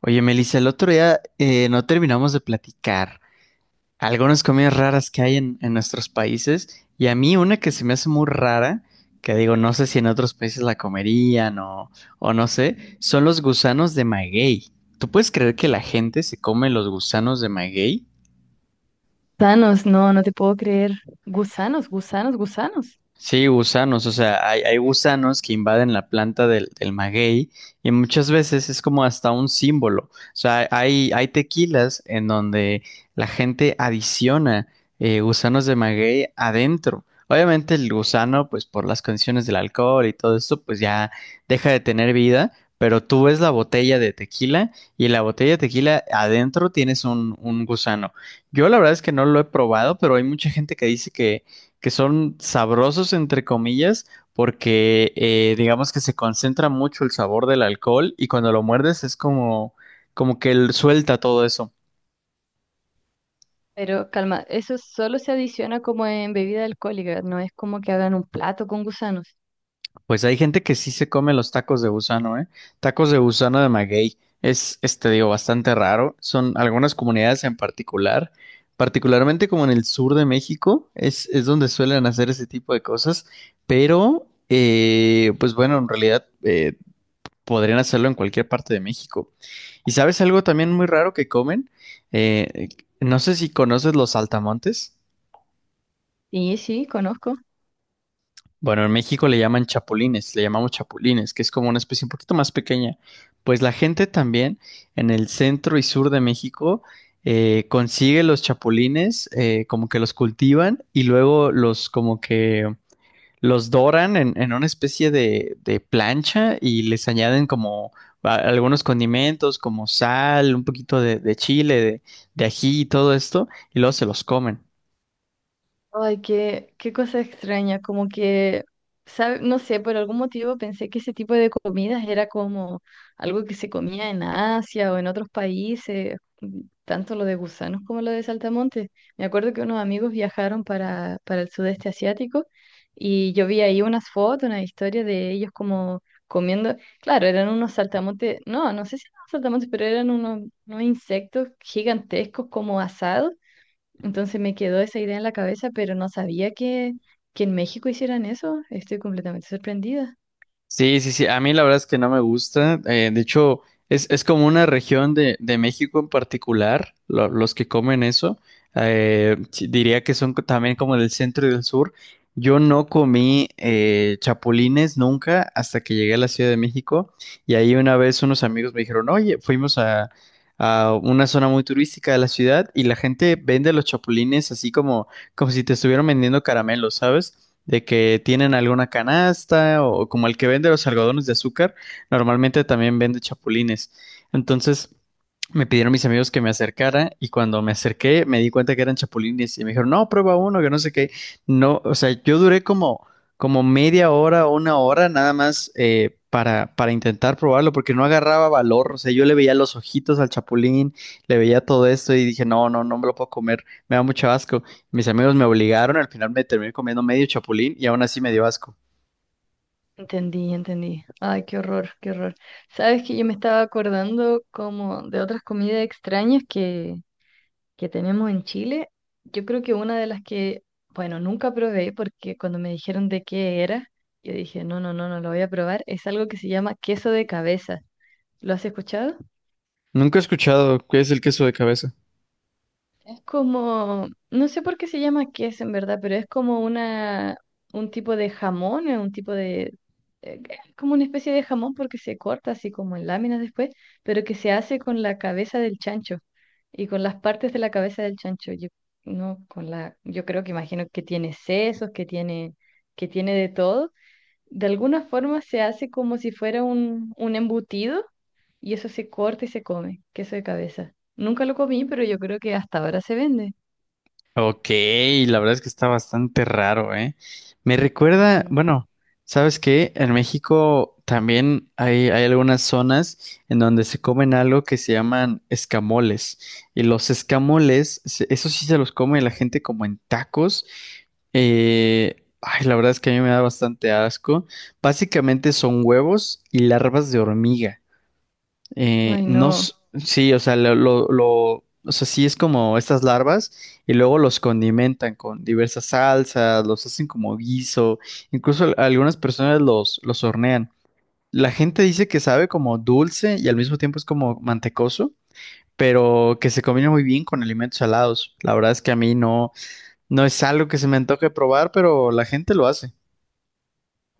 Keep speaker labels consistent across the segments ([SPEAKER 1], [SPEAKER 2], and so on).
[SPEAKER 1] Oye, Melissa, el otro día no terminamos de platicar algunas comidas raras que hay en nuestros países y a mí una que se me hace muy rara, que digo, no sé si en otros países la comerían o no sé, son los gusanos de maguey. ¿Tú puedes creer que la gente se come los gusanos de maguey?
[SPEAKER 2] Gusanos, no, no te puedo creer. Gusanos, gusanos, gusanos.
[SPEAKER 1] Sí, gusanos, o sea, hay gusanos que invaden la planta del maguey y muchas veces es como hasta un símbolo. O sea, hay tequilas en donde la gente adiciona gusanos de maguey adentro. Obviamente el gusano, pues por las condiciones del alcohol y todo esto, pues ya deja de tener vida, pero tú ves la botella de tequila y la botella de tequila adentro tienes un gusano. Yo la verdad es que no lo he probado, pero hay mucha gente que dice que son sabrosos entre comillas porque digamos que se concentra mucho el sabor del alcohol y cuando lo muerdes es como que él suelta todo eso.
[SPEAKER 2] Pero calma, eso solo se adiciona como en bebida alcohólica, no es como que hagan un plato con gusanos.
[SPEAKER 1] Pues hay gente que sí se come los tacos de gusano, ¿eh? Tacos de gusano de maguey. Es, este, digo, bastante raro. Son algunas comunidades en particular, particularmente como en el sur de México, es donde suelen hacer ese tipo de cosas. Pero, pues bueno, en realidad podrían hacerlo en cualquier parte de México. ¿Y sabes algo también muy raro que comen? Eh, no sé si conoces los saltamontes.
[SPEAKER 2] Sí, sí, conozco.
[SPEAKER 1] Bueno, en México le llaman chapulines, le llamamos chapulines, que es como una especie un poquito más pequeña. Pues la gente también en el centro y sur de México consigue los chapulines, como que los cultivan y luego los como que los doran en una especie de plancha y les añaden como algunos condimentos como sal, un poquito de chile, de ají y todo esto, y luego se los comen.
[SPEAKER 2] Ay, qué, qué cosa extraña, como que, no sé, por algún motivo pensé que ese tipo de comidas era como algo que se comía en Asia o en otros países, mm, tanto lo de gusanos como lo de saltamontes. Me acuerdo que unos amigos viajaron para el sudeste asiático y yo vi ahí unas fotos, una historia de ellos como comiendo, claro, eran unos saltamontes, no, no sé si eran saltamontes, pero eran unos insectos gigantescos como asados, entonces me quedó esa idea en la cabeza, pero no sabía que en México hicieran eso. Estoy completamente sorprendida.
[SPEAKER 1] Sí, sí, sí. A mí la verdad es que no me gusta. De hecho, es como una región de México en particular, los que comen eso. Sí, diría que son también como del centro y del sur. Yo no comí chapulines nunca hasta que llegué a la Ciudad de México. Y ahí una vez unos amigos me dijeron, oye, fuimos a una zona muy turística de la ciudad y la gente vende los chapulines así como como si te estuvieran vendiendo caramelos, ¿sabes? De que tienen alguna canasta o como el que vende los algodones de azúcar, normalmente también vende chapulines. Entonces me pidieron mis amigos que me acercara y cuando me acerqué me di cuenta que eran chapulines y me dijeron, no, prueba uno, que no sé qué. No, o sea, yo duré como media hora, una hora nada más para intentar probarlo porque no agarraba valor. O sea, yo le veía los ojitos al chapulín, le veía todo esto y dije, no, no, no me lo puedo comer, me da mucho asco. Mis amigos me obligaron, al final me terminé comiendo medio chapulín y aún así me dio asco.
[SPEAKER 2] Entendí, entendí. Ay, qué horror, qué horror. Sabes que yo me estaba acordando como de otras comidas extrañas que tenemos en Chile. Yo creo que una de las que, bueno, nunca probé porque cuando me dijeron de qué era, yo dije, no, no, no, no lo voy a probar. Es algo que se llama queso de cabeza. ¿Lo has escuchado?
[SPEAKER 1] Nunca he escuchado qué es el queso de cabeza.
[SPEAKER 2] Es como, no sé por qué se llama queso en verdad, pero es como un tipo de jamón, un tipo de, es como una especie de jamón porque se corta así como en láminas después, pero que se hace con la cabeza del chancho y con las partes de la cabeza del chancho. Yo, no, con la, yo creo que imagino que tiene sesos, que tiene de todo, de alguna forma se hace como si fuera un embutido y eso se corta y se come, queso de cabeza. Nunca lo comí, pero yo creo que hasta ahora se vende.
[SPEAKER 1] Ok, la verdad es que está bastante raro, ¿eh? Me recuerda,
[SPEAKER 2] Ujú.
[SPEAKER 1] bueno, ¿sabes qué? En México también hay algunas zonas en donde se comen algo que se llaman escamoles. Y los escamoles, eso sí se los come la gente como en tacos. Ay, la verdad es que a mí me da bastante asco. Básicamente son huevos y larvas de hormiga.
[SPEAKER 2] Ay,
[SPEAKER 1] No,
[SPEAKER 2] no.
[SPEAKER 1] sí, o sea, o sea, sí es como estas larvas y luego los condimentan con diversas salsas, los hacen como guiso, incluso algunas personas los hornean. La gente dice que sabe como dulce y al mismo tiempo es como mantecoso, pero que se combina muy bien con alimentos salados. La verdad es que a mí no, no es algo que se me antoje probar, pero la gente lo hace.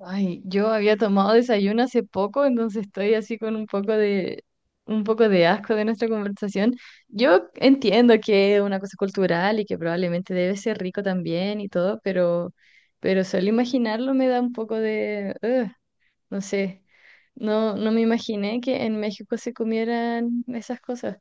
[SPEAKER 2] Ay, yo había tomado desayuno hace poco, entonces estoy así con un poco de asco de nuestra conversación. Yo entiendo que es una cosa cultural y que probablemente debe ser rico también y todo, pero solo imaginarlo me da un poco de ugh. No sé, no, no me imaginé que en México se comieran esas cosas.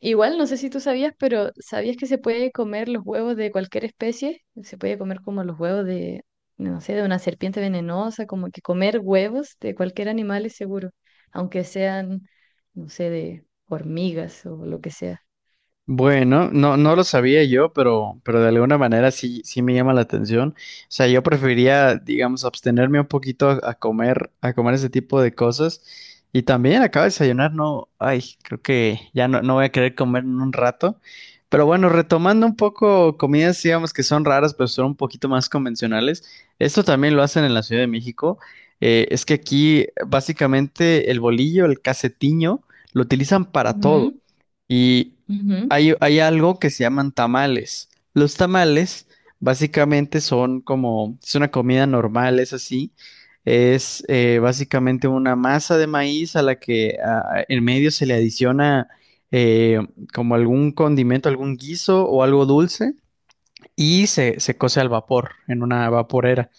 [SPEAKER 2] Igual, no sé si tú sabías, pero ¿sabías que se puede comer los huevos de cualquier especie? Se puede comer como los huevos de, no sé, de una serpiente venenosa, como que comer huevos de cualquier animal es seguro, aunque sean, no sé, de hormigas o lo que sea.
[SPEAKER 1] Bueno, no, no lo sabía yo, pero de alguna manera sí, sí me llama la atención. O sea, yo preferiría, digamos, abstenerme un poquito a comer ese tipo de cosas. Y también acabo de desayunar, no, ay, creo que ya no, no voy a querer comer en un rato. Pero bueno, retomando un poco comidas, digamos que son raras, pero son un poquito más convencionales. Esto también lo hacen en la Ciudad de México. Es que aquí básicamente el bolillo, el casetiño, lo utilizan para todo.
[SPEAKER 2] Ujú,
[SPEAKER 1] Y
[SPEAKER 2] ujú.
[SPEAKER 1] hay algo que se llaman tamales. Los tamales básicamente son como, es una comida normal, es así. Es básicamente una masa de maíz a la que ah, en medio se le adiciona eh, como algún condimento, algún guiso o algo dulce y se cose al vapor en una vaporera.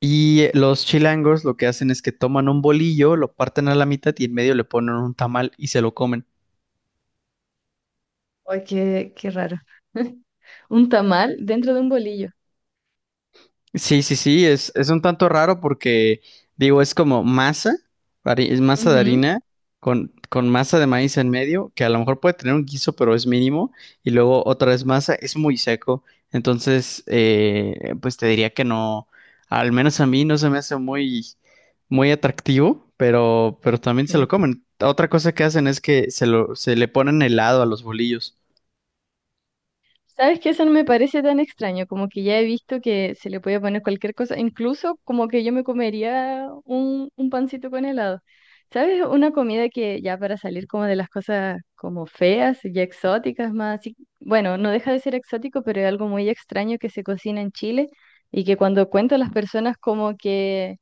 [SPEAKER 1] Y los chilangos lo que hacen es que toman un bolillo, lo parten a la mitad y en medio le ponen un tamal y se lo comen.
[SPEAKER 2] Ay, qué, qué raro. Un tamal dentro de un bolillo.
[SPEAKER 1] Sí, sí, sí, es un tanto raro porque, digo, es como masa, es masa de
[SPEAKER 2] Ujú,
[SPEAKER 1] harina con masa de maíz en medio, que a lo mejor puede tener un guiso, pero es mínimo, y luego otra vez masa, es muy seco, entonces, pues te diría que no, al menos a mí no se me hace muy, muy atractivo, pero también se lo
[SPEAKER 2] sí.
[SPEAKER 1] comen. Otra cosa que hacen es que se le ponen helado a los bolillos.
[SPEAKER 2] ¿Sabes qué? Eso no me parece tan extraño, como que ya he visto que se le puede poner cualquier cosa, incluso como que yo me comería un pancito con helado. ¿Sabes? Una comida que ya para salir como de las cosas como feas y exóticas más, así- bueno, no deja de ser exótico, pero es algo muy extraño que se cocina en Chile y que cuando cuento a las personas como que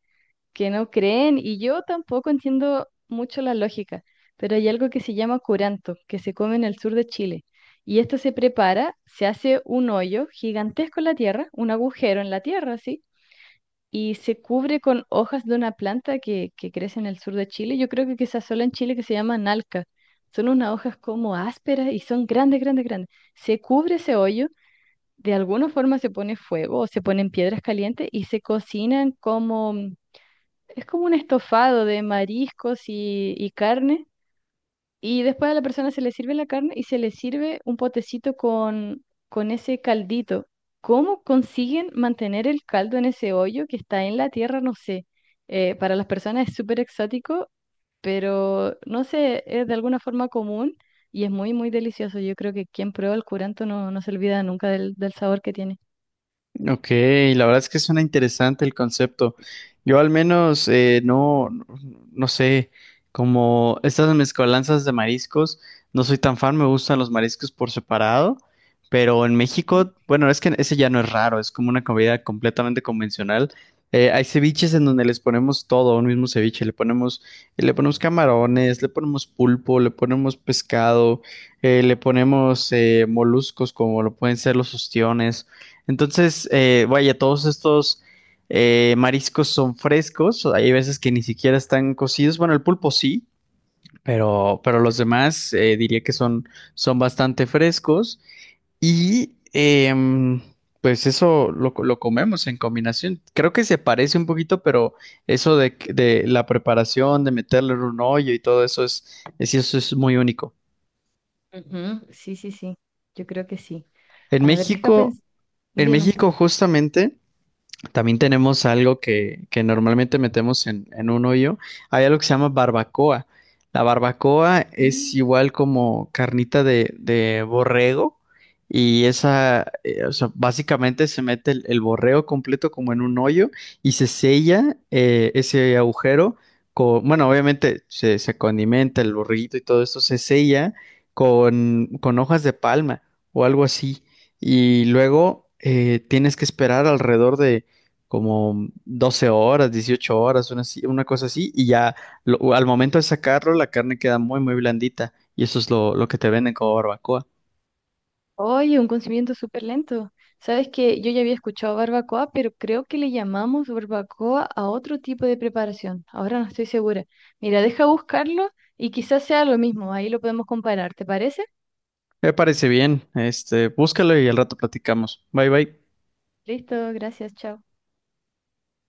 [SPEAKER 2] no creen y yo tampoco entiendo mucho la lógica, pero hay algo que se llama curanto, que se come en el sur de Chile. Y esto se prepara, se hace un hoyo gigantesco en la tierra, un agujero en la tierra, ¿sí? Y se cubre con hojas de una planta que crece en el sur de Chile. Yo creo que quizás solo en Chile que se llama nalca. Son unas hojas como ásperas y son grandes, grandes, grandes. Se cubre ese hoyo, de alguna forma se pone fuego o se ponen piedras calientes y se cocinan como, es como un estofado de mariscos y carne. Y después a la persona se le sirve la carne y se le sirve un potecito con ese caldito. ¿Cómo consiguen mantener el caldo en ese hoyo que está en la tierra? No sé. Para las personas es súper exótico, pero no sé, es de alguna forma común y es muy, muy delicioso. Yo creo que quien prueba el curanto no, no se olvida nunca del, del sabor que tiene.
[SPEAKER 1] Ok, la verdad es que suena interesante el concepto. Yo al menos no, no sé, como estas mezcolanzas de mariscos, no soy tan fan, me gustan los mariscos por separado, pero en
[SPEAKER 2] Ujú.
[SPEAKER 1] México, bueno, es que ese ya no es raro, es como una comida completamente convencional. Hay ceviches en donde les ponemos todo, un mismo ceviche, le ponemos camarones, le ponemos pulpo, le ponemos pescado, le ponemos moluscos como lo pueden ser los ostiones. Entonces, vaya, todos estos mariscos son frescos, hay veces que ni siquiera están cocidos, bueno, el pulpo sí, pero los demás diría que son, son bastante frescos y pues eso lo comemos en combinación. Creo que se parece un poquito, pero eso de la preparación, de meterle en un hoyo y todo eso es, eso es muy único.
[SPEAKER 2] Ujú, sí, sí, sí. Yo creo que sí.
[SPEAKER 1] En
[SPEAKER 2] A ver, deja
[SPEAKER 1] México,
[SPEAKER 2] pensar.
[SPEAKER 1] en
[SPEAKER 2] Dime.
[SPEAKER 1] México justamente... También tenemos algo que normalmente metemos en un hoyo. Hay algo que se llama barbacoa. La barbacoa es
[SPEAKER 2] Mm.
[SPEAKER 1] igual como carnita de borrego y esa, o sea, básicamente se mete el borrego completo como en un hoyo y se sella ese agujero con, bueno, obviamente se condimenta el borreguito y todo esto, se sella con hojas de palma o algo así. Y luego tienes que esperar alrededor de como 12 horas, 18 horas, una, una cosa así, y ya al momento de sacarlo, la carne queda muy, muy blandita, y eso es lo que te venden como barbacoa.
[SPEAKER 2] Oye, un conocimiento súper lento. Sabes que yo ya había escuchado barbacoa, pero creo que le llamamos barbacoa a otro tipo de preparación. Ahora no estoy segura. Mira, deja buscarlo y quizás sea lo mismo. Ahí lo podemos comparar. ¿Te parece?
[SPEAKER 1] Me parece bien, este, búscalo y al rato platicamos. Bye, bye.
[SPEAKER 2] Listo, gracias, chao.